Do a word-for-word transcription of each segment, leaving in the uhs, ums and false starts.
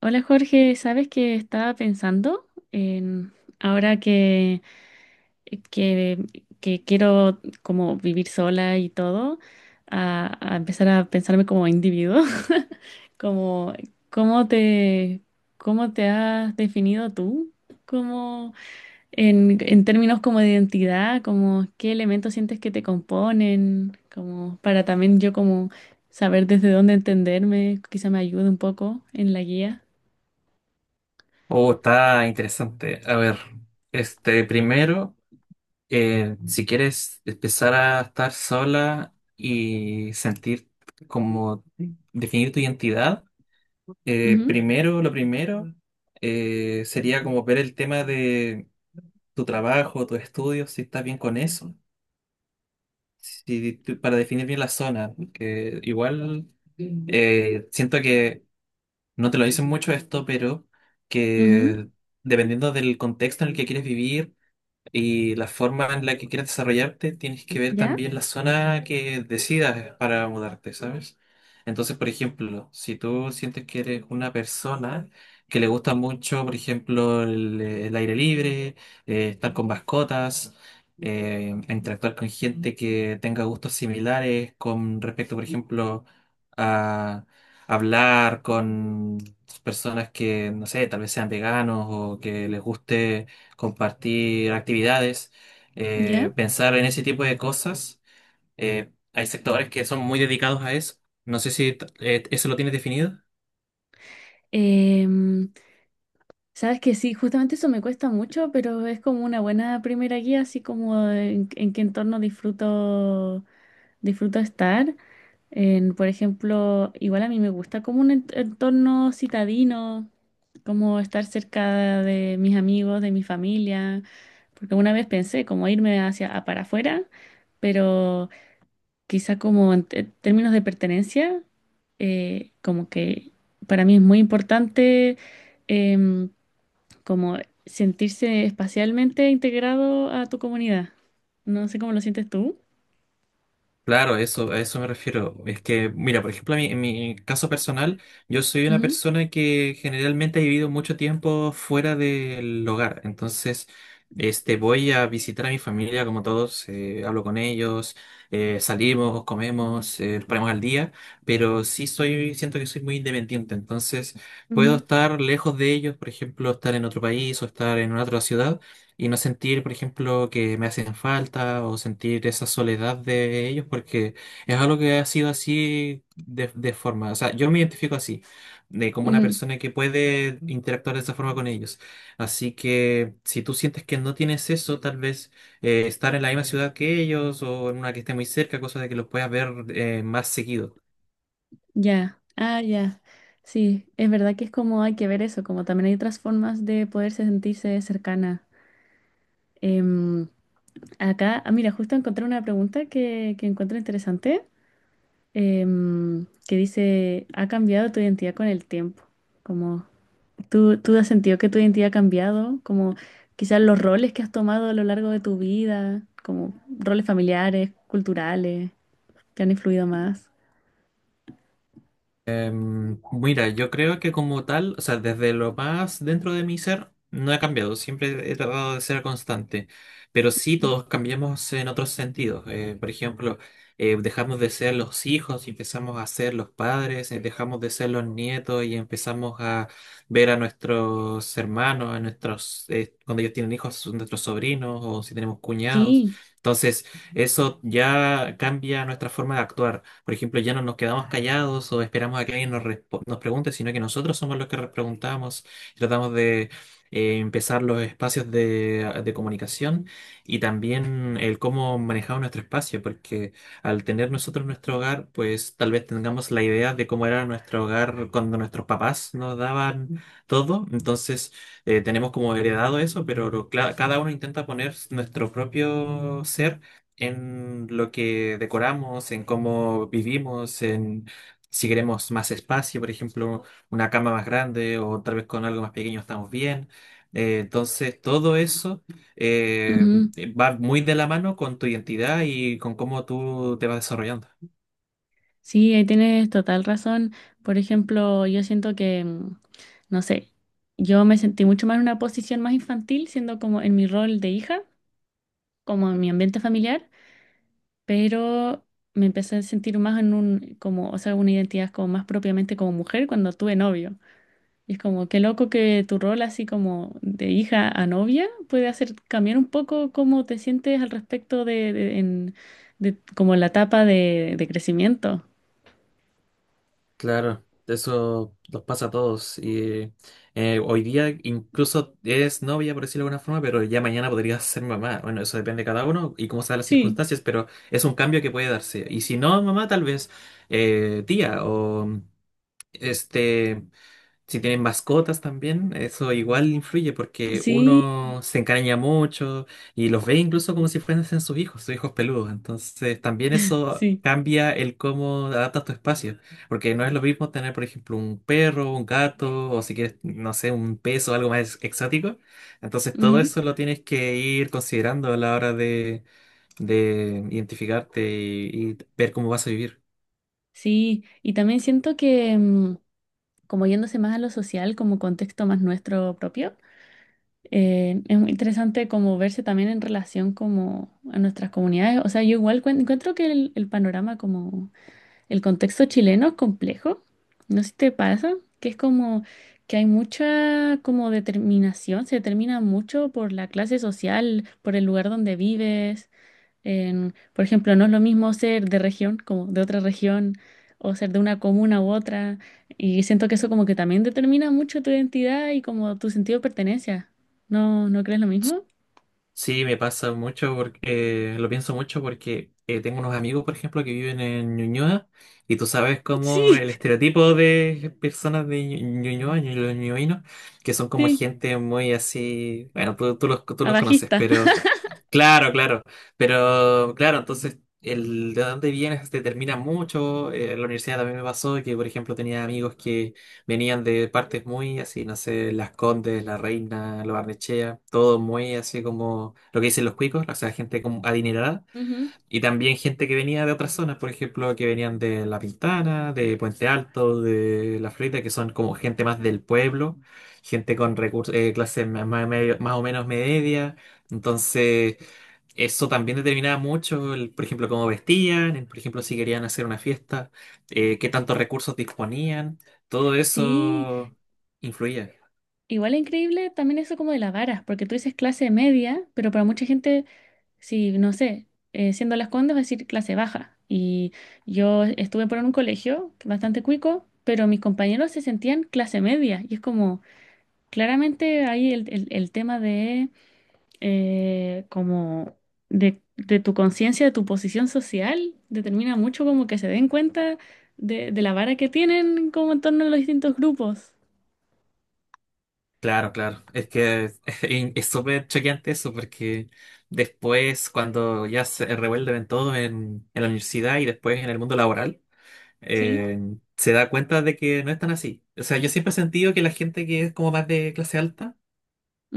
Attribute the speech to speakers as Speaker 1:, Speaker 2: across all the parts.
Speaker 1: Hola Jorge, ¿sabes que estaba pensando en ahora que, que, que quiero como vivir sola y todo, a, a empezar a pensarme como individuo? Como, ¿cómo te, cómo te has definido tú? Como en, en términos como de identidad, como qué elementos sientes que te componen, como para también yo como saber desde dónde entenderme, quizá me ayude un poco en la guía.
Speaker 2: Oh, está interesante. A ver, este primero, eh, si quieres empezar a estar sola y sentir como definir tu identidad, eh, primero, lo primero, eh, sería como ver el tema de tu trabajo, tus estudios, si estás bien con eso, si tú- para definir bien la zona, que igual eh, siento que no te lo dicen mucho esto, pero
Speaker 1: Ujú.
Speaker 2: que dependiendo del contexto en el que quieres vivir, y la forma en la que quieras desarrollarte, tienes que ver
Speaker 1: ¿Ya?
Speaker 2: también la zona que decidas para mudarte, ¿sabes? Entonces, por ejemplo, si tú sientes que eres una persona que le gusta mucho, por ejemplo, el, el aire libre, eh, estar con mascotas, eh, interactuar con gente que tenga gustos similares con respecto, por ejemplo, a hablar con personas que, no sé, tal vez sean veganos o que les guste compartir actividades,
Speaker 1: ¿Ya?
Speaker 2: eh, pensar en ese tipo de cosas. Eh, hay sectores que son muy dedicados a eso. No sé si t- eh, eso lo tienes definido.
Speaker 1: Em, sabes que sí, justamente eso me cuesta mucho, pero es como una buena primera guía, así como en, en qué entorno disfruto, disfruto estar. En, por ejemplo, igual a mí me gusta como un ent- entorno citadino, como estar cerca de mis amigos, de mi familia, porque una vez pensé como irme hacia a- para afuera, pero quizá como en te- términos de pertenencia, eh, como que para mí es muy importante em, como sentirse espacialmente integrado a tu comunidad. No sé cómo lo sientes tú.
Speaker 2: Claro, eso, a eso me refiero. Es que, mira, por ejemplo, a mí- en mi caso personal, yo soy una
Speaker 1: Ujú.
Speaker 2: persona que generalmente ha vivido mucho tiempo fuera del hogar. Entonces, este, voy a visitar a mi familia, como todos, eh, hablo con ellos, eh, salimos, comemos, eh, nos ponemos al día, pero sí soy, siento que soy muy independiente. Entonces, puedo
Speaker 1: Ujú.
Speaker 2: estar lejos de ellos, por ejemplo, estar en otro país o estar en una otra ciudad y no sentir, por ejemplo, que me hacen falta o sentir esa soledad de ellos, porque es algo que ha sido así de, de forma, o sea, yo me identifico así, de como una
Speaker 1: Ujú.
Speaker 2: persona que puede interactuar de esa forma con ellos. Así que si tú sientes que no tienes eso, tal vez eh, estar en la misma ciudad que ellos o en una que esté muy cerca, cosa de que los puedas ver eh, más seguido.
Speaker 1: Ya, ah, ya. Sí, es verdad que es como hay que ver eso, como también hay otras formas de poderse sentirse cercana. Em, Acá, ah, mira, justo encontré una pregunta que, que encuentro interesante. Em, que dice, ha cambiado tu identidad con el tiempo. Como tú, tú has sentido que tu identidad ha cambiado, como quizás los roles que has tomado a lo largo de tu vida, como roles familiares, culturales, que han influido más.
Speaker 2: Em, mira, yo creo que como tal, o sea, desde lo más dentro de mi ser, no he cambiado, siempre he tratado de ser constante, pero sí todos cambiamos en otros sentidos. Eh, por ejemplo, eh, dejamos de ser los hijos y empezamos a ser los padres, eh, dejamos de ser los nietos y empezamos a ver a nuestros hermanos, a nuestros, eh, cuando ellos tienen hijos, son nuestros sobrinos o si tenemos cuñados.
Speaker 1: Sí,
Speaker 2: Entonces, eso ya cambia nuestra forma de actuar. Por ejemplo, ya no nos quedamos callados o esperamos a que alguien nos, respo- nos pregunte, sino que nosotros somos los que re- preguntamos, tratamos de eh, empezar los espacios de, de comunicación, y también el cómo manejamos nuestro espacio, porque al tener nosotros nuestro hogar, pues tal vez tengamos la idea de cómo era nuestro hogar cuando nuestros papás nos daban todo, entonces eh, tenemos como heredado eso, pero lo- cla- cada uno intenta poner nuestro propio ser en lo que decoramos, en cómo vivimos, en si queremos más espacio, por ejemplo, una cama más grande o tal vez con algo más pequeño estamos bien. Eh, entonces, todo eso eh,
Speaker 1: ujú.
Speaker 2: va muy de la mano con tu identidad y con cómo tú te vas desarrollando.
Speaker 1: Sí, ahí tienes total razón. Por ejemplo, yo siento que, mm, no sé, yo me sentí mucho más en una posición más infantil, siendo como en mi rol de hija, como en mi ambiente familiar, pero me empecé a sentir más en un, como, o sea, una identidad como más propiamente como mujer cuando tuve novio. Y es como, qué loco que tu rol así como de hija a novia puede hacer cambiar un poco cómo te sientes al respecto de, de- en, de como la etapa de, de crecimiento.
Speaker 2: Claro, eso nos pasa a todos. Y eh, hoy día incluso eres novia, por decirlo de alguna forma, pero ya mañana podrías ser mamá. Bueno, eso depende de cada uno y cómo sean las
Speaker 1: Sí,
Speaker 2: circunstancias, pero es un cambio que puede darse. Y si no, mamá, tal vez eh, tía o este si tienen mascotas también, eso igual influye porque
Speaker 1: sí,
Speaker 2: uno se encariña mucho y los ve incluso como si fuesen sus hijos, sus hijos peludos. Entonces también eso
Speaker 1: sí.
Speaker 2: cambia el cómo adaptas tu espacio, porque no es lo mismo tener, por ejemplo, un perro, un gato o si quieres, no sé, un pez o algo más exótico. Entonces todo
Speaker 1: Ujú.
Speaker 2: eso lo tienes que ir considerando a la hora de, de identificarte y y ver cómo vas a vivir.
Speaker 1: Sí, y también siento que mm, como yéndose más a lo social, como contexto más nuestro propio. Eh, es muy interesante como verse también en relación como a nuestras comunidades. O sea, yo igual cuen- encuentro que el, el panorama como el contexto chileno es complejo. No sé si te pasa, que es como que hay mucha como determinación, se determina mucho por la clase social, por el lugar donde vives. En, por ejemplo, no es lo mismo ser de región, como de otra región, o ser de una comuna u otra, y siento que eso como que también determina mucho tu identidad y como tu sentido de pertenencia. ¿No, no crees lo mismo?
Speaker 2: Sí, me pasa mucho porque eh, lo pienso mucho porque eh, tengo unos amigos, por ejemplo, que viven en Ñuñoa y tú sabes cómo
Speaker 1: Sí.
Speaker 2: el estereotipo de personas de Ñu- Ñuñoa, Ñu- los ñuñoinos, que son como
Speaker 1: Sí,
Speaker 2: gente muy así, bueno, tú, tú los, tú los conoces,
Speaker 1: abajista.
Speaker 2: pero claro, claro. Pero claro, entonces el de dónde vienes determina mucho. Eh, en la universidad también me pasó que, por ejemplo, tenía amigos que venían de partes muy así, no sé, Las Condes, La Reina, Lo Barnechea, todo muy así como lo que dicen los cuicos, o sea, gente como adinerada.
Speaker 1: Ujú.
Speaker 2: Y también gente que venía de otras zonas, por ejemplo, que venían de La Pintana, de Puente Alto, de La Florida, que son como gente más del pueblo, gente con recursos, clases más, más medio- más o menos media. Entonces, eso también determinaba mucho, el- por ejemplo, cómo vestían, el- por ejemplo, si querían hacer una fiesta, eh, qué tantos recursos disponían, todo
Speaker 1: Sí,
Speaker 2: eso influía.
Speaker 1: igual es increíble también eso como de la vara, porque tú dices clase media, pero para mucha gente si, no sé, eh, siendo Las Condes, va a decir clase baja. Y yo estuve por un colegio bastante cuico, pero mis compañeros se sentían clase media. Y es como, claramente ahí el, el- el tema de, eh, como, de, de tu conciencia, de tu posición social, determina mucho como que se den cuenta de, de la vara que tienen como en torno a los distintos grupos.
Speaker 2: Claro, claro, es que es es súper choqueante eso porque después cuando ya se revuelven todos en, en la universidad y después en el mundo laboral,
Speaker 1: ¿Sí?
Speaker 2: eh, se da cuenta de que no es tan así. O sea, yo siempre he sentido que la gente que es como más de clase alta,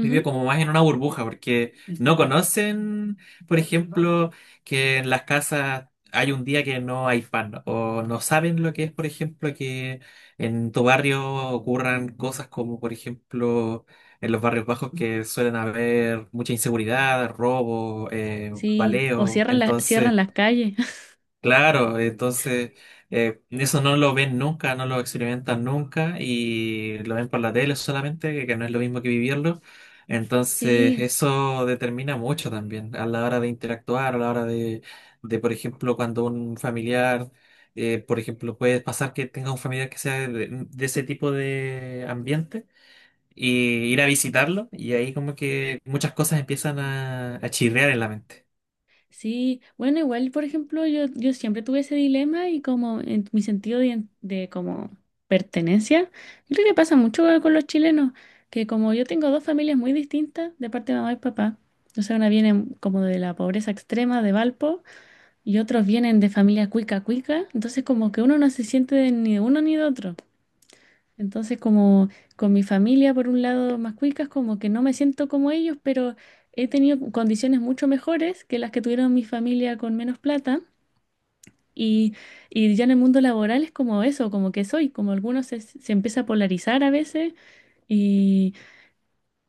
Speaker 2: vive como más en una burbuja, porque no conocen, por ejemplo, que en las casas hay un día que no hay pan, o no saben lo que es, por ejemplo, que en tu barrio ocurran cosas como, por ejemplo, en los barrios bajos que suelen haber mucha inseguridad, robo, eh,
Speaker 1: Sí. O
Speaker 2: baleo,
Speaker 1: cierran la- cierran
Speaker 2: entonces.
Speaker 1: las calles.
Speaker 2: Claro, entonces eh, eso no lo ven nunca, no lo experimentan nunca y lo ven por la tele solamente, que que no es lo mismo que vivirlo. Entonces
Speaker 1: Sí.
Speaker 2: eso determina mucho también a la hora de interactuar, a la hora de, de, por ejemplo, cuando un familiar, eh, por ejemplo, puede pasar que tenga un familiar que sea de, de ese tipo de ambiente y ir a visitarlo y ahí como que muchas cosas empiezan a, a chirrear en la mente.
Speaker 1: Sí, bueno, igual, por ejemplo, yo, yo siempre tuve ese dilema y como en mi sentido de, de como pertenencia, yo creo que pasa mucho con los chilenos, que como yo tengo dos familias muy distintas de parte de mamá y papá, o sea, una viene como de la pobreza extrema de Valpo y otros vienen de familia cuica cuica, entonces como que uno no se siente de ni de uno ni de otro. Entonces, como con mi familia, por un lado, más cuicas, como que no me siento como ellos, pero he tenido condiciones mucho mejores que las que tuvieron mi familia con menos plata. Y y ya en el mundo laboral es como eso, como que soy, como algunos se, se empieza a polarizar a veces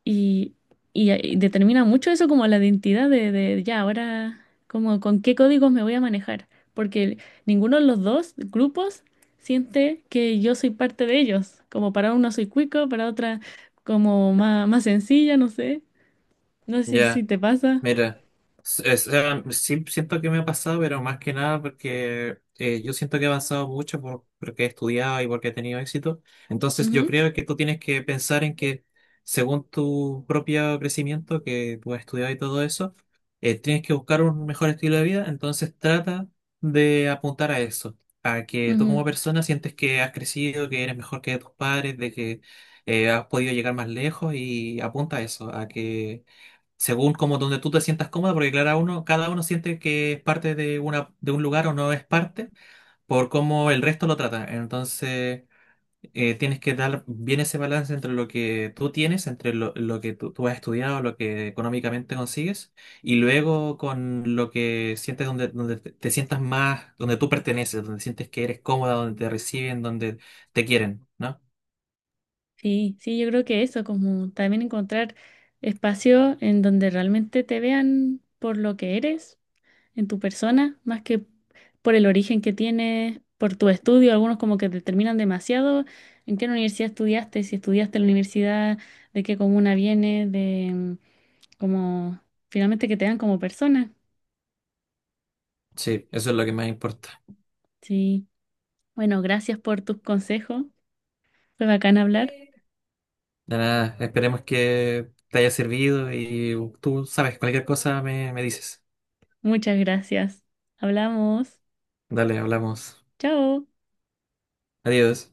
Speaker 1: y, y, eh, determina mucho eso como la identidad de, de ya ahora, como con qué códigos me voy a manejar, porque ninguno de los dos grupos siente que yo soy parte de ellos, como para una soy cuico, para otra como más, más sencilla, no sé, no sé si
Speaker 2: Ya.
Speaker 1: te pasa.
Speaker 2: Mira, s- es- eh, sí siento que me ha pasado, pero más que nada porque eh, yo siento que he avanzado mucho por, porque he estudiado y porque he tenido éxito. Entonces yo
Speaker 1: Ujú,
Speaker 2: creo que tú tienes que pensar en que según tu propio crecimiento, que tú has estudiado y todo eso, eh, tienes que buscar un mejor estilo de vida. Entonces trata de apuntar a eso, a que tú como
Speaker 1: ujú.
Speaker 2: persona sientes que has crecido, que eres mejor que tus padres, de que eh, has podido llegar más lejos y apunta a eso, a que según como donde tú te sientas cómodo, porque claro, uno, cada uno siente que es parte de una, de un lugar o no es parte por cómo el resto lo trata. Entonces, eh, tienes que dar bien ese balance entre lo que tú tienes, entre lo, lo que tú, tú has estudiado, lo que económicamente consigues, y luego con lo que sientes donde, donde te, te sientas más, donde tú perteneces, donde sientes que eres cómoda, donde te reciben, donde te quieren, ¿no?
Speaker 1: Sí, sí, yo creo que eso, como también encontrar espacio en donde realmente te vean por lo que eres en tu persona, más que por el origen que tienes, por tu estudio, algunos como que determinan demasiado en qué universidad estudiaste, si estudiaste en la universidad, de qué comuna vienes, de mm, como finalmente que te dan como persona.
Speaker 2: Sí, eso es lo que más importa.
Speaker 1: Sí. Bueno, gracias por tus consejos. Fue bacán hablar.
Speaker 2: De nada, esperemos que te haya servido y tú sabes, cualquier cosa me, me dices.
Speaker 1: Muchas gracias. Hablamos.
Speaker 2: Dale, hablamos.
Speaker 1: Chao.
Speaker 2: Adiós.